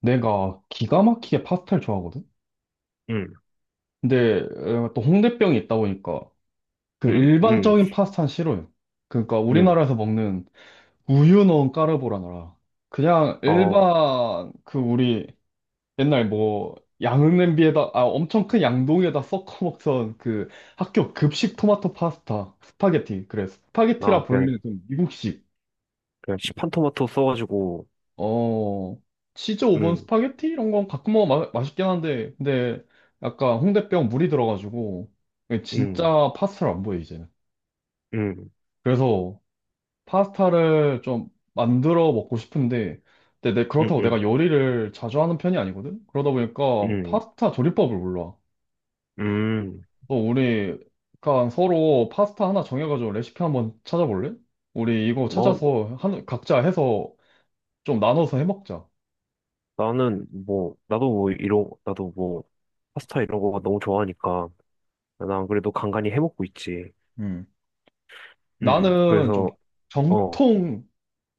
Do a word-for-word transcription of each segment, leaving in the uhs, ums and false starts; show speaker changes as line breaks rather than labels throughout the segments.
내가 기가 막히게 파스타를 좋아하거든?
응,
근데 어, 또 홍대병이 있다 보니까 그
응, 응,
일반적인 파스타는 싫어요. 그러니까
응.
우리나라에서 먹는 우유 넣은 까르보라나 라 그냥
어,
일반 그 우리 옛날 뭐 양은냄비에다 아 엄청 큰 양동이에다 섞어 먹던 그 학교 급식 토마토 파스타 스파게티 그래
나
스파게티라
그냥,
불리는 좀 미국식.
그냥 시판 토마토 써가지고,
어, 치즈 오븐
응,
스파게티 이런 건 가끔 먹으면 마, 맛있긴 한데, 근데 약간 홍대병 물이 들어가지고, 이게
응,
진짜 파스타를 안 보여, 이제는.
응,
그래서 파스타를 좀 만들어 먹고 싶은데, 근데 내-
응,
그렇다고 내가
응,
요리를 자주 하는 편이 아니거든? 그러다 보니까
응,
파스타 조리법을 몰라.
응.
어, 우리 약간 서로 파스타 하나 정해가지고 레시피 한번 찾아볼래? 우리 이거
뭐,
찾아서 한, 각자 해서 좀 나눠서 해먹자.
나는 뭐, 나도 뭐, 이런, 나도 뭐, 파스타 이런 거가 너무 좋아하니까, 난 그래도 간간히 해먹고 있지. 응,
나는 좀
그래서, 어,
정통,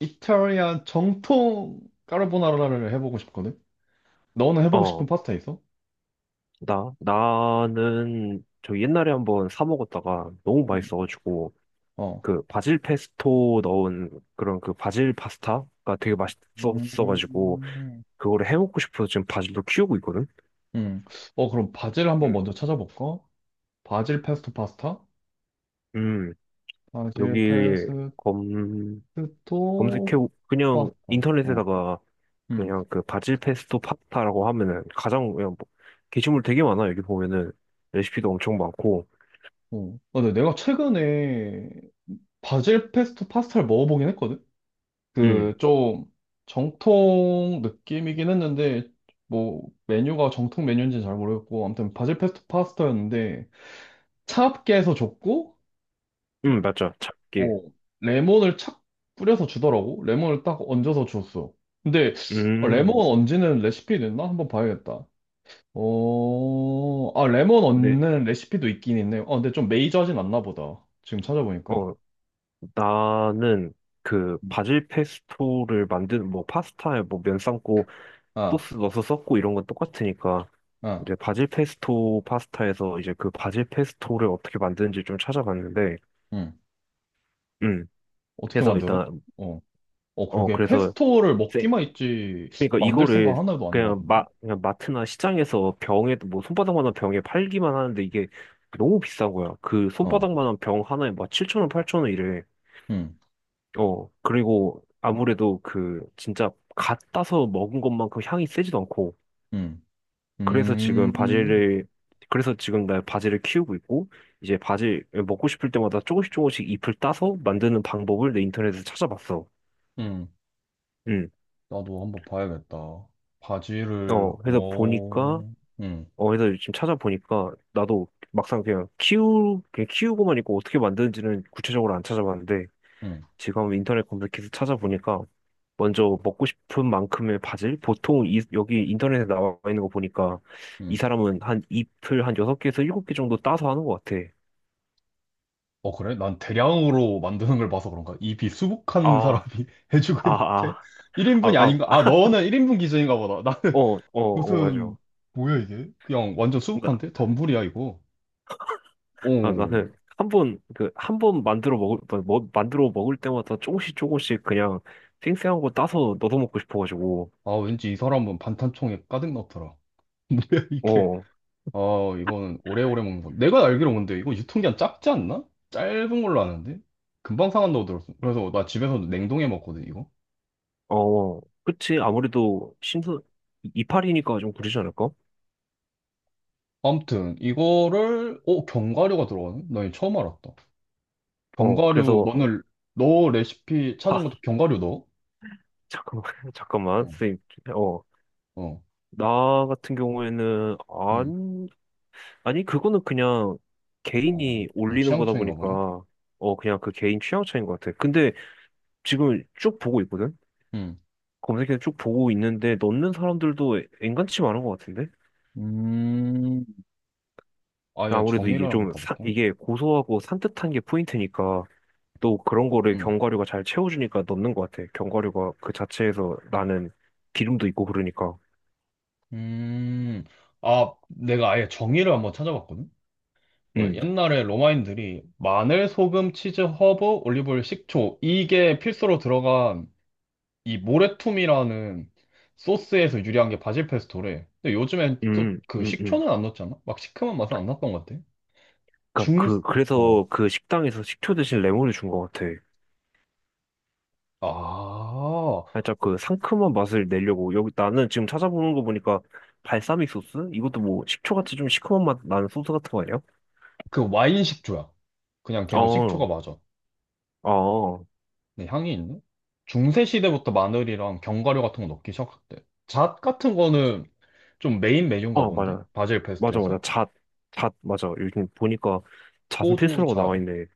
이탈리안 정통 까르보나라를 해보고 싶거든? 너는 해보고 싶은
어,
파스타 있어?
나, 나는 저 옛날에 한번 사 먹었다가 너무
음.
맛있어가지고,
어,
그 바질 페스토 넣은 그런 그 바질 파스타가 되게 맛있었어가지고,
음.
그거를 해먹고 싶어서 지금 바질도 키우고 있거든?
음. 어, 그럼 바질 한번
음.
먼저 찾아볼까? 바질 페스토 파스타?
음,
바질
여기
페스토
검, 검색해, 그냥
파스타. 어,
인터넷에다가
음.
그냥 그 바질 페스토 파스타라고 하면은 가장 그냥 뭐, 게시물 되게 많아. 여기 보면은 레시피도 엄청 많고.
어. 어, 근데 내가 최근에 바질 페스토 파스타를 먹어보긴 했거든? 그
음,
좀 정통 느낌이긴 했는데 뭐 메뉴가 정통 메뉴인지는 잘 모르겠고 아무튼 바질 페스토 파스타였는데 차갑게 해서 줬고
음, 맞아. 작게.
어 레몬을 착 뿌려서 주더라고. 레몬을 딱 얹어서 줬어. 근데 어, 레몬
음,
얹는 레시피 있나? 한번 봐야겠다. 어... 아, 레몬
네.
얹는 레시피도 있긴 있네요. 어 근데 좀 메이저하진 않나 보다, 지금 찾아보니까.
어, 나는 그
음.
바질 페스토를 만드는 뭐 파스타에 뭐 면 삶고
아,
소스 넣어서 썼고 이런 건 똑같으니까
아,
이제 바질 페스토 파스타에서 이제 그 바질 페스토를 어떻게 만드는지 좀 찾아봤는데
응.
음
어떻게
그래서
만들어?
일단
어. 어,
어
그러게.
그래서
페스토를
세
먹기만 있지,
그러니까
만들 생각
이거를
하나도 안 해봤
그냥 마
는
그냥 마트나 시장에서 병에 뭐 손바닥만한 병에 팔기만 하는데 이게 너무 비싼 거야. 그
어,
손바닥만한 병 하나에 막 칠천 원 팔천 원 이래.
응,
어, 그리고 아무래도 그 진짜 갓 따서 먹은 것만큼 향이 세지도 않고
응,
그래서 지금
음,
바지를 그래서 지금 나 바지를 키우고 있고 이제 바지 먹고 싶을 때마다 조금씩 조금씩 잎을 따서 만드는 방법을 내 인터넷에서 찾아봤어.
응.
응.
나도 한번 봐야겠다. 바지를,
어, 그래서 보니까
오, 응,
어, 그래서 지금 찾아보니까 나도 막상 그냥 키우 그냥 키우고만 있고 어떻게 만드는지는 구체적으로 안 찾아봤는데
응,
지금 인터넷 검색해서 찾아보니까 먼저 먹고 싶은 만큼의 바질 보통 이, 여기 인터넷에 나와 있는 거 보니까 이
응.
사람은 한 잎을 한 여섯 개에서 일곱 개 정도 따서 하는 것 같아.
어, 그래? 난 대량으로 만드는 걸 봐서 그런가? 이 비수북한
아,
사람이 해주고
아,
있는데?
아, 아,
일인분이
아,
아닌가? 아,
아,
너는 일인분 기준인가 보다.
어,
나는
어, 어, 맞아.
무슨, 뭐야, 이게? 그냥 완전
나,
수북한데? 덤불이야, 이거.
아,
오,
나는 한 번, 그, 한 번 만들어 먹을, 뭐, 뭐, 만들어 먹을 때마다 조금씩 조금씩 그냥 생생한 거 따서 넣어 먹고 싶어가지고,
아, 왠지 이 사람은 반탄총에 가득 넣더라. 뭐야 이게?
어,
아, 이거는 오래오래 먹는 거. 내가 알기로 근데 이거 유통기한 짧지 않나? 짧은 걸로 아는데? 금방 상한다고 들었어. 그래서 나 집에서도 냉동해 먹거든, 이거.
어, 어. 그치. 아무래도 신선, 이- 이파리니까 좀 그러지 않을까?
아무튼 이거를 어 견과류가 들어가네? 나 이거 처음 알았다.
어,
견과류
그래서,
너는, 너 레시피
하,
찾은 것도 견과류 넣어?
잠깐만, 잠깐만,
어,
선생님. 어,
어,
나 같은 경우에는,
음,
안, 아니, 그거는 그냥
어,
개인이
어,
올리는
취향
거다
차이인가 보네.
보니까, 어, 그냥 그 개인 취향 차이인 것 같아. 근데, 지금 쭉 보고 있거든?
음,
검색해서 쭉 보고 있는데 넣는 사람들도 엔간치 많은 것 같은데?
음, 아예
아무래도 이게
정의를 한번
좀, 사-
봐볼까?
이게 고소하고 산뜻한 게 포인트니까 또 그런 거를
음,
견과류가 잘 채워주니까 넣는 것 같아. 견과류가 그 자체에서 나는 기름도 있고 그러니까.
음, 아, 내가 아예 정의를 한번 찾아봤거든. 그
음,
옛날에 로마인들이 마늘, 소금, 치즈, 허브, 올리브오일, 식초 이게 필수로 들어간 이 모래툼이라는 소스에서 유리한 게 바질 페스토래. 근데 요즘엔 또
음,
그
음, 음.
식초는 안 넣었잖아? 막 시큼한 맛은 안 났던 것 같아.
그니까
중,
그,
어.
그래서 그 식당에서 식초 대신 레몬을 준 것 같아.
아,
살짝 그 상큼한 맛을 내려고. 여기 나는 지금 찾아보는 거 보니까 발사믹 소스? 이것도 뭐 식초같이 좀 시큼한 맛 나는 소스 같은 거 아니야?
그 와인 식초야. 그냥 걔도 식초가
어.
맞아.
어,
근데 향이 있네? 중세 시대부터 마늘이랑 견과류 같은 거 넣기 시작했대. 잣 같은 거는 좀 메인 메뉴인가
어,
본데?
맞아.
바질
맞아, 맞아.
페스토에서?
잣, 잣, 맞아. 요즘 보니까 잣은
호두
필수라고 나와
잣.
있네.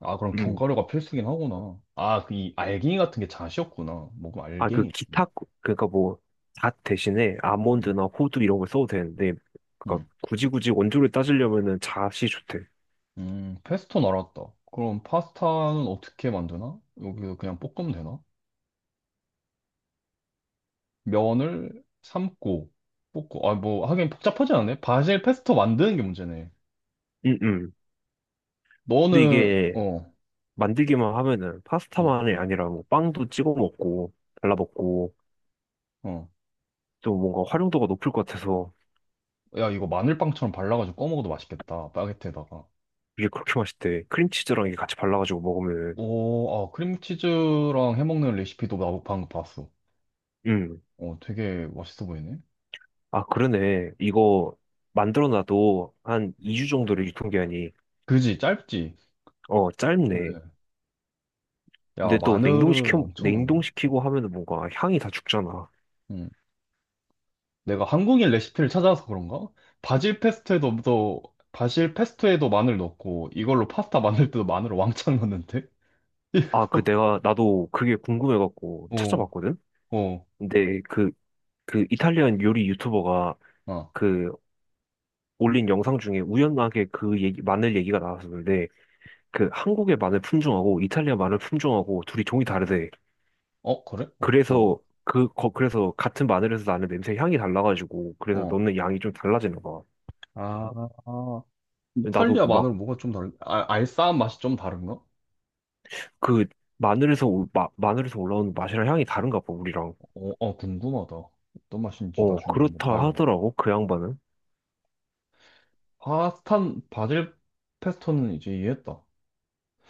아, 그럼
음.
견과류가 필수긴 하구나. 아, 그 이 알갱이 같은 게 잣이었구나. 뭐면
아, 그
알갱이 있네.
기타, 그러니까 뭐, 잣 대신에
음,
아몬드나 호두 이런 걸 써도 되는데, 그러니까
음,
굳이 굳이 원조를 따지려면은 잣이 좋대.
음, 페스토는 알았다. 그럼 파스타는 어떻게 만드나? 여기서 그냥 볶으면 되나? 면을 삶고 볶고. 아, 뭐 하긴 복잡하지 않네. 바질 페스토 만드는 게 문제네.
음, 음. 근데
너는
이게
어,
만들기만 하면은
음,
파스타만이 아니라 뭐 빵도 찍어 먹고, 발라 먹고,
어,
또 뭔가 활용도가 높을 것 같아서
야 이거 마늘빵처럼 발라가지고 꺼먹어도 맛있겠다. 바게트에다가.
이게 그렇게 맛있대. 크림치즈랑 이게 같이 발라가지고 먹으면은,
오, 아, 크림치즈랑 해먹는 레시피도 나도 방금 봤어.
음.
어, 되게 맛있어 보이네.
아, 그러네. 이거 만들어 놔도 한 이 주 정도를 유통기한이,
그지, 짧지.
어, 짧네.
그래. 야,
근데 또
마늘은
냉동시켜,
엄청 넣네.
냉동시키고 하면은 뭔가 향이 다 죽잖아.
음. 내가 한국인 레시피를 찾아서 그런가? 바질 페스토에도, 또, 바질 페스토에도 마늘 넣고, 이걸로 파스타 만들 때도 마늘을 왕창 넣는데?
아, 그
이거,
내가, 나도 그게 궁금해갖고
어,
찾아봤거든?
어,
근데 그, 그 이탈리안 요리 유튜버가
어.
그 올린 영상 중에 우연하게 그 얘기, 마늘 얘기가 나왔었는데 그 한국의 마늘 품종하고 이탈리아 마늘 품종하고 둘이 종이 다르대.
어, 그래? 어떤,
그래서 그, 거, 그래서 같은 마늘에서 나는 냄새 향이 달라가지고, 그래서
어.
넣는 양이 좀 달라지는 거야.
아, 아.
나도
이탈리아
막
마늘은 뭐가 좀 다른, 아, 알싸한 맛이 좀 다른가?
그 마늘에서 올- 마, 마늘에서 올라오는 맛이랑 향이 다른가 봐 우리랑.
어, 어, 궁금하다. 어떤 맛인지
어,
나중에 한번
그렇다
봐야겠네.
하더라고 그 양반은.
파스타, 바질 페스토는 이제 이해했다.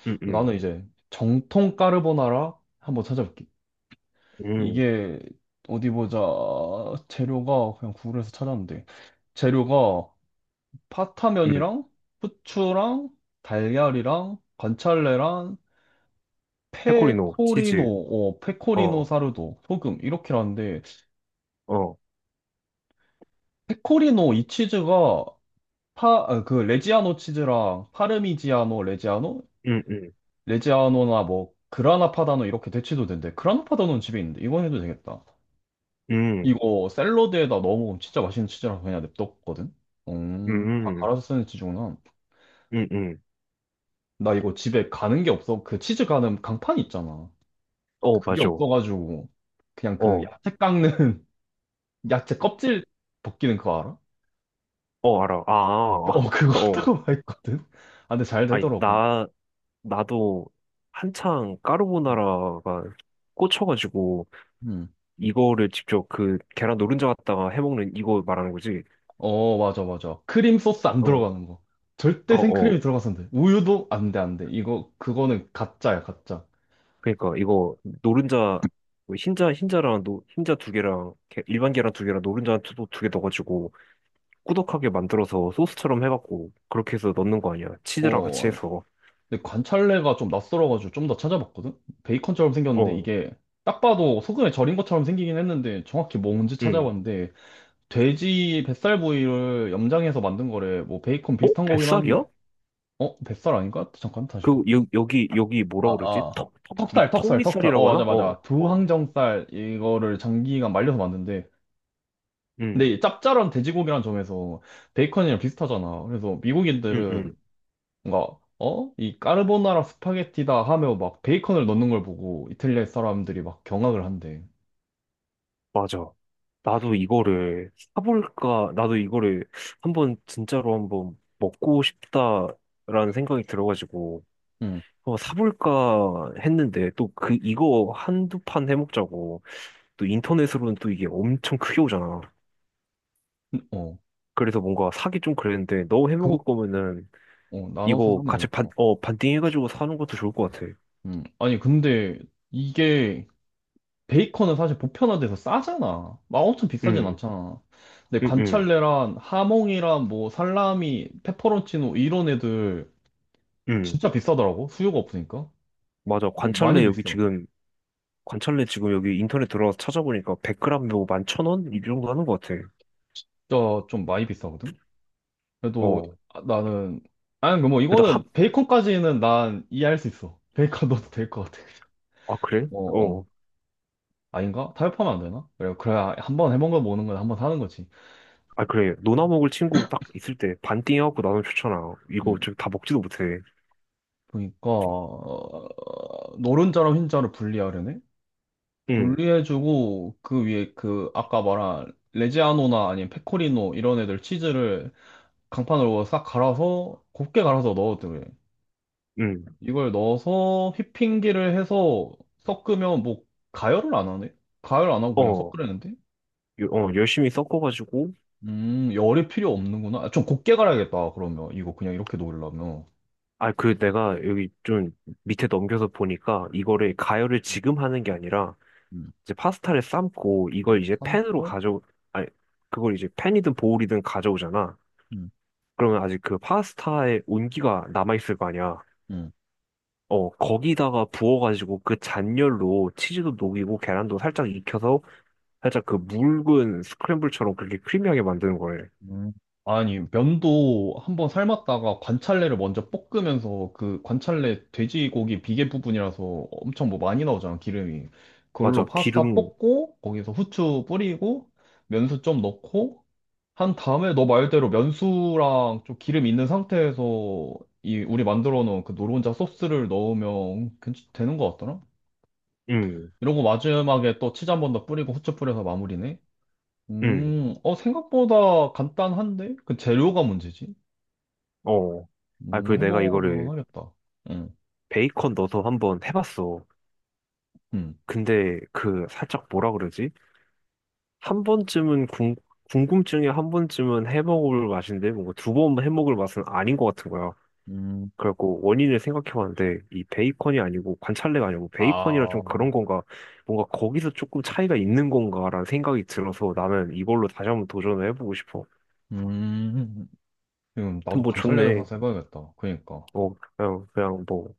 응응
나는 이제 정통 까르보나라 한번 찾아볼게.
응응
이게, 어디 보자. 재료가 그냥 구글에서 찾았는데, 재료가 파타면이랑 후추랑 달걀이랑 관찰레랑
페코리노
페코리노,
치즈.
어, 페코리노
어
사르도, 소금 이렇게라는데.
어.
페코리노 이 치즈가 파, 아, 그 레지아노 치즈랑 파르미지아노, 레지아노,
응응
레지아노나 뭐 그라나 파다노 이렇게 대치도 된대. 그라나 파다노는 집에 있는데 이건 해도 되겠다. 이거 샐러드에다 넣어 먹으면 진짜 맛있는 치즈라서 그냥 냅뒀거든? 음, 다
응응
갈아서 쓰는 치즈구나.
응응.
나 이거 집에 가는 게 없어. 그 치즈 가는 강판 있잖아.
어
그게
맞아. 어
없어가지고, 그냥 그 야채 깎는, 야채 껍질 벗기는 그거 알아?
어 알아. 아 아,
어, 그거
아. 어.
하다가 했거든? 아, 근데 잘
아니
되더라고.
나 나도 한창
음.
까르보나라가 꽂혀가지고
음.
이거를 직접 그 계란 노른자 갖다가 해먹는 이거 말하는 거지.
어, 맞아, 맞아. 크림 소스 안
어
들어가는 거.
어,
절대 생크림이
어.
들어가서는 안 돼. 우유도 안 돼, 안 돼. 이거, 그거는 가짜야, 가짜.
그러니까 이거 노른자 뭐 흰자 흰자랑 노, 흰자 두 개랑 게- 일반 계란 두 개랑 노른자 두개 넣어가지고 꾸덕하게 만들어서 소스처럼 해갖고 그렇게 해서 넣는 거 아니야? 치즈랑 같이
어,
해서
근데 관찰래가 좀 낯설어가지고 좀 더 찾아봤거든? 베이컨처럼 생겼는데
어,
이게 딱 봐도 소금에 절인 것처럼 생기긴 했는데 정확히 뭔지
응.
찾아봤는데 돼지 뱃살 부위를 염장해서 만든 거래. 뭐 베이컨
어?
비슷한 거긴 한데.
뱃살이야?
어? 뱃살 아닌가? 잠깐 다시
그
볼게.
여, 여기 여기
아,
뭐라 그러지?
아.
턱, 턱, 밑,
턱살,
턱
턱살, 턱살. 어,
밑살이라고 하나?
맞아,
어,
맞아.
어,
두항정살 이거를 장기간 말려서 만든데. 근데
응,
이 짭짤한 돼지고기란 점에서 베이컨이랑 비슷하잖아. 그래서
응,
미국인들은
응,
뭔가 어? 이 까르보나라 스파게티다 하며 막 베이컨을 넣는 걸 보고 이탈리아 사람들이 막 경악을 한대.
맞아. 나도 이거를 사볼까? 나도 이거를 한번 진짜로 한번 먹고 싶다라는 생각이 들어가지고.
응.
어, 사볼까 했는데 또 그 이거 한두 판 해먹자고 또 인터넷으로는 또 이게 엄청 크게 오잖아.
어.
그래서 뭔가 사기 좀 그랬는데 너
그거
해먹을 거면은
어, 나눠서
이거
사면
같이 반,
되겠다.
어, 반띵 해가지고 사는 것도 좋을 것 같아.
음. 아니 근데 이게 베이컨은 사실 보편화돼서 싸잖아. 막 엄청 비싸진
응,
않잖아. 근데
응, 응,
관찰레랑 하몽이랑 뭐 살라미, 페퍼론치노 이런 애들
응.
진짜 비싸더라고. 수요가 없으니까. 어,
맞아.
많이
관찰래 여기
비싸.
지금 관찰래 지금 여기 인터넷 들어가서 찾아보니까 백 그램 뭐 만 천 원? 이 정도 하는 것 같아.
진짜 좀 많이 비싸거든. 그래도
어.
아, 나는, 아니 뭐
그래도 한,
이거는 베이컨까지는 난 이해할 수 있어. 베이컨 넣어도 될 것 같아.
아, 그래?
어, 어.
어.
아닌가? 타협하면 안 되나? 그래, 그래야 한 번 해본 거 먹는 건 한 번 사는 거지.
아, 그래. 노나 먹을 친구 딱 있을 때 반띵 해갖고 나눠 좋잖아. 이거
음.
지금 다 먹지도 못해.
그러니까 어, 노른자랑 흰자를 분리하려네?
응.
분리해주고 그 위에 그 아까 말한 레지아노나 아니면 페코리노 이런 애들 치즈를 강판으로 싹 갈아서 곱게 갈아서 넣어도 돼.
응.
이걸 넣어서 휘핑기를 해서 섞으면 뭐 가열을 안 하네? 가열 안 하고 그냥
어,
섞으려는데?
요- 어, 열심히 섞어가지고,
음, 열이 필요 없는구나. 아, 좀 곱게 갈아야겠다, 그러면. 이거 그냥 이렇게 놓으려면.
아, 그 내가 여기 좀 밑에 넘겨서 보니까 이거를 가열을
음,
지금 하는 게 아니라
음.
이제 파스타를 삶고 이걸
뭐,
이제 팬으로
삶고,
가져, 아니, 그걸 이제 팬이든 보울이든 가져오잖아.
음,
그러면 아직 그 파스타의 온기가 남아있을 거 아니야.
음,
어, 거기다가 부어가지고 그 잔열로 치즈도 녹이고 계란도 살짝 익혀서 살짝 그 묽은 스크램블처럼 그렇게 크리미하게 만드는 거래.
음. 아니, 면도 한번 삶았다가 관찰래를 먼저 볶으면서 그 관찰래 돼지고기 비계 부분이라서 엄청 뭐 많이 나오잖아, 기름이. 그걸로
맞아,
파스타
기름,
볶고, 거기서 후추 뿌리고, 면수 좀 넣고, 한 다음에 너 말대로 면수랑 좀 기름 있는 상태에서 이 우리 만들어 놓은 그 노른자 소스를 넣으면 괜찮 되는 것 같더라.
음,
이러고 마지막에 또 치즈 한 번 더 뿌리고 후추 뿌려서 마무리네.
음.
음, 어 생각보다 간단한데? 그 재료가 문제지.
어. 아,
음,
그리고 내가
해먹으면
이거를
하겠다. 응,
베이컨 넣어서 한번 해봤어.
응,
근데 그 살짝 뭐라 그러지? 한 번쯤은 궁, 궁금증에 한 번쯤은 해먹을 맛인데 뭔가 두 번 해먹을 맛은 아닌 것 같은 거야.
음,
그래갖고 원인을 생각해봤는데 이 베이컨이 아니고 관찰레가 아니고 베이컨이라
아,
좀 그런 건가 뭔가 거기서 조금 차이가 있는 건가라는 생각이 들어서 나는 이걸로 다시 한번 도전을 해보고 싶어.
음, 지금
아무튼
나도
뭐
관찰래서
좋네.
사서 해봐야겠다. 그러니까.
어, 그냥, 그냥 뭐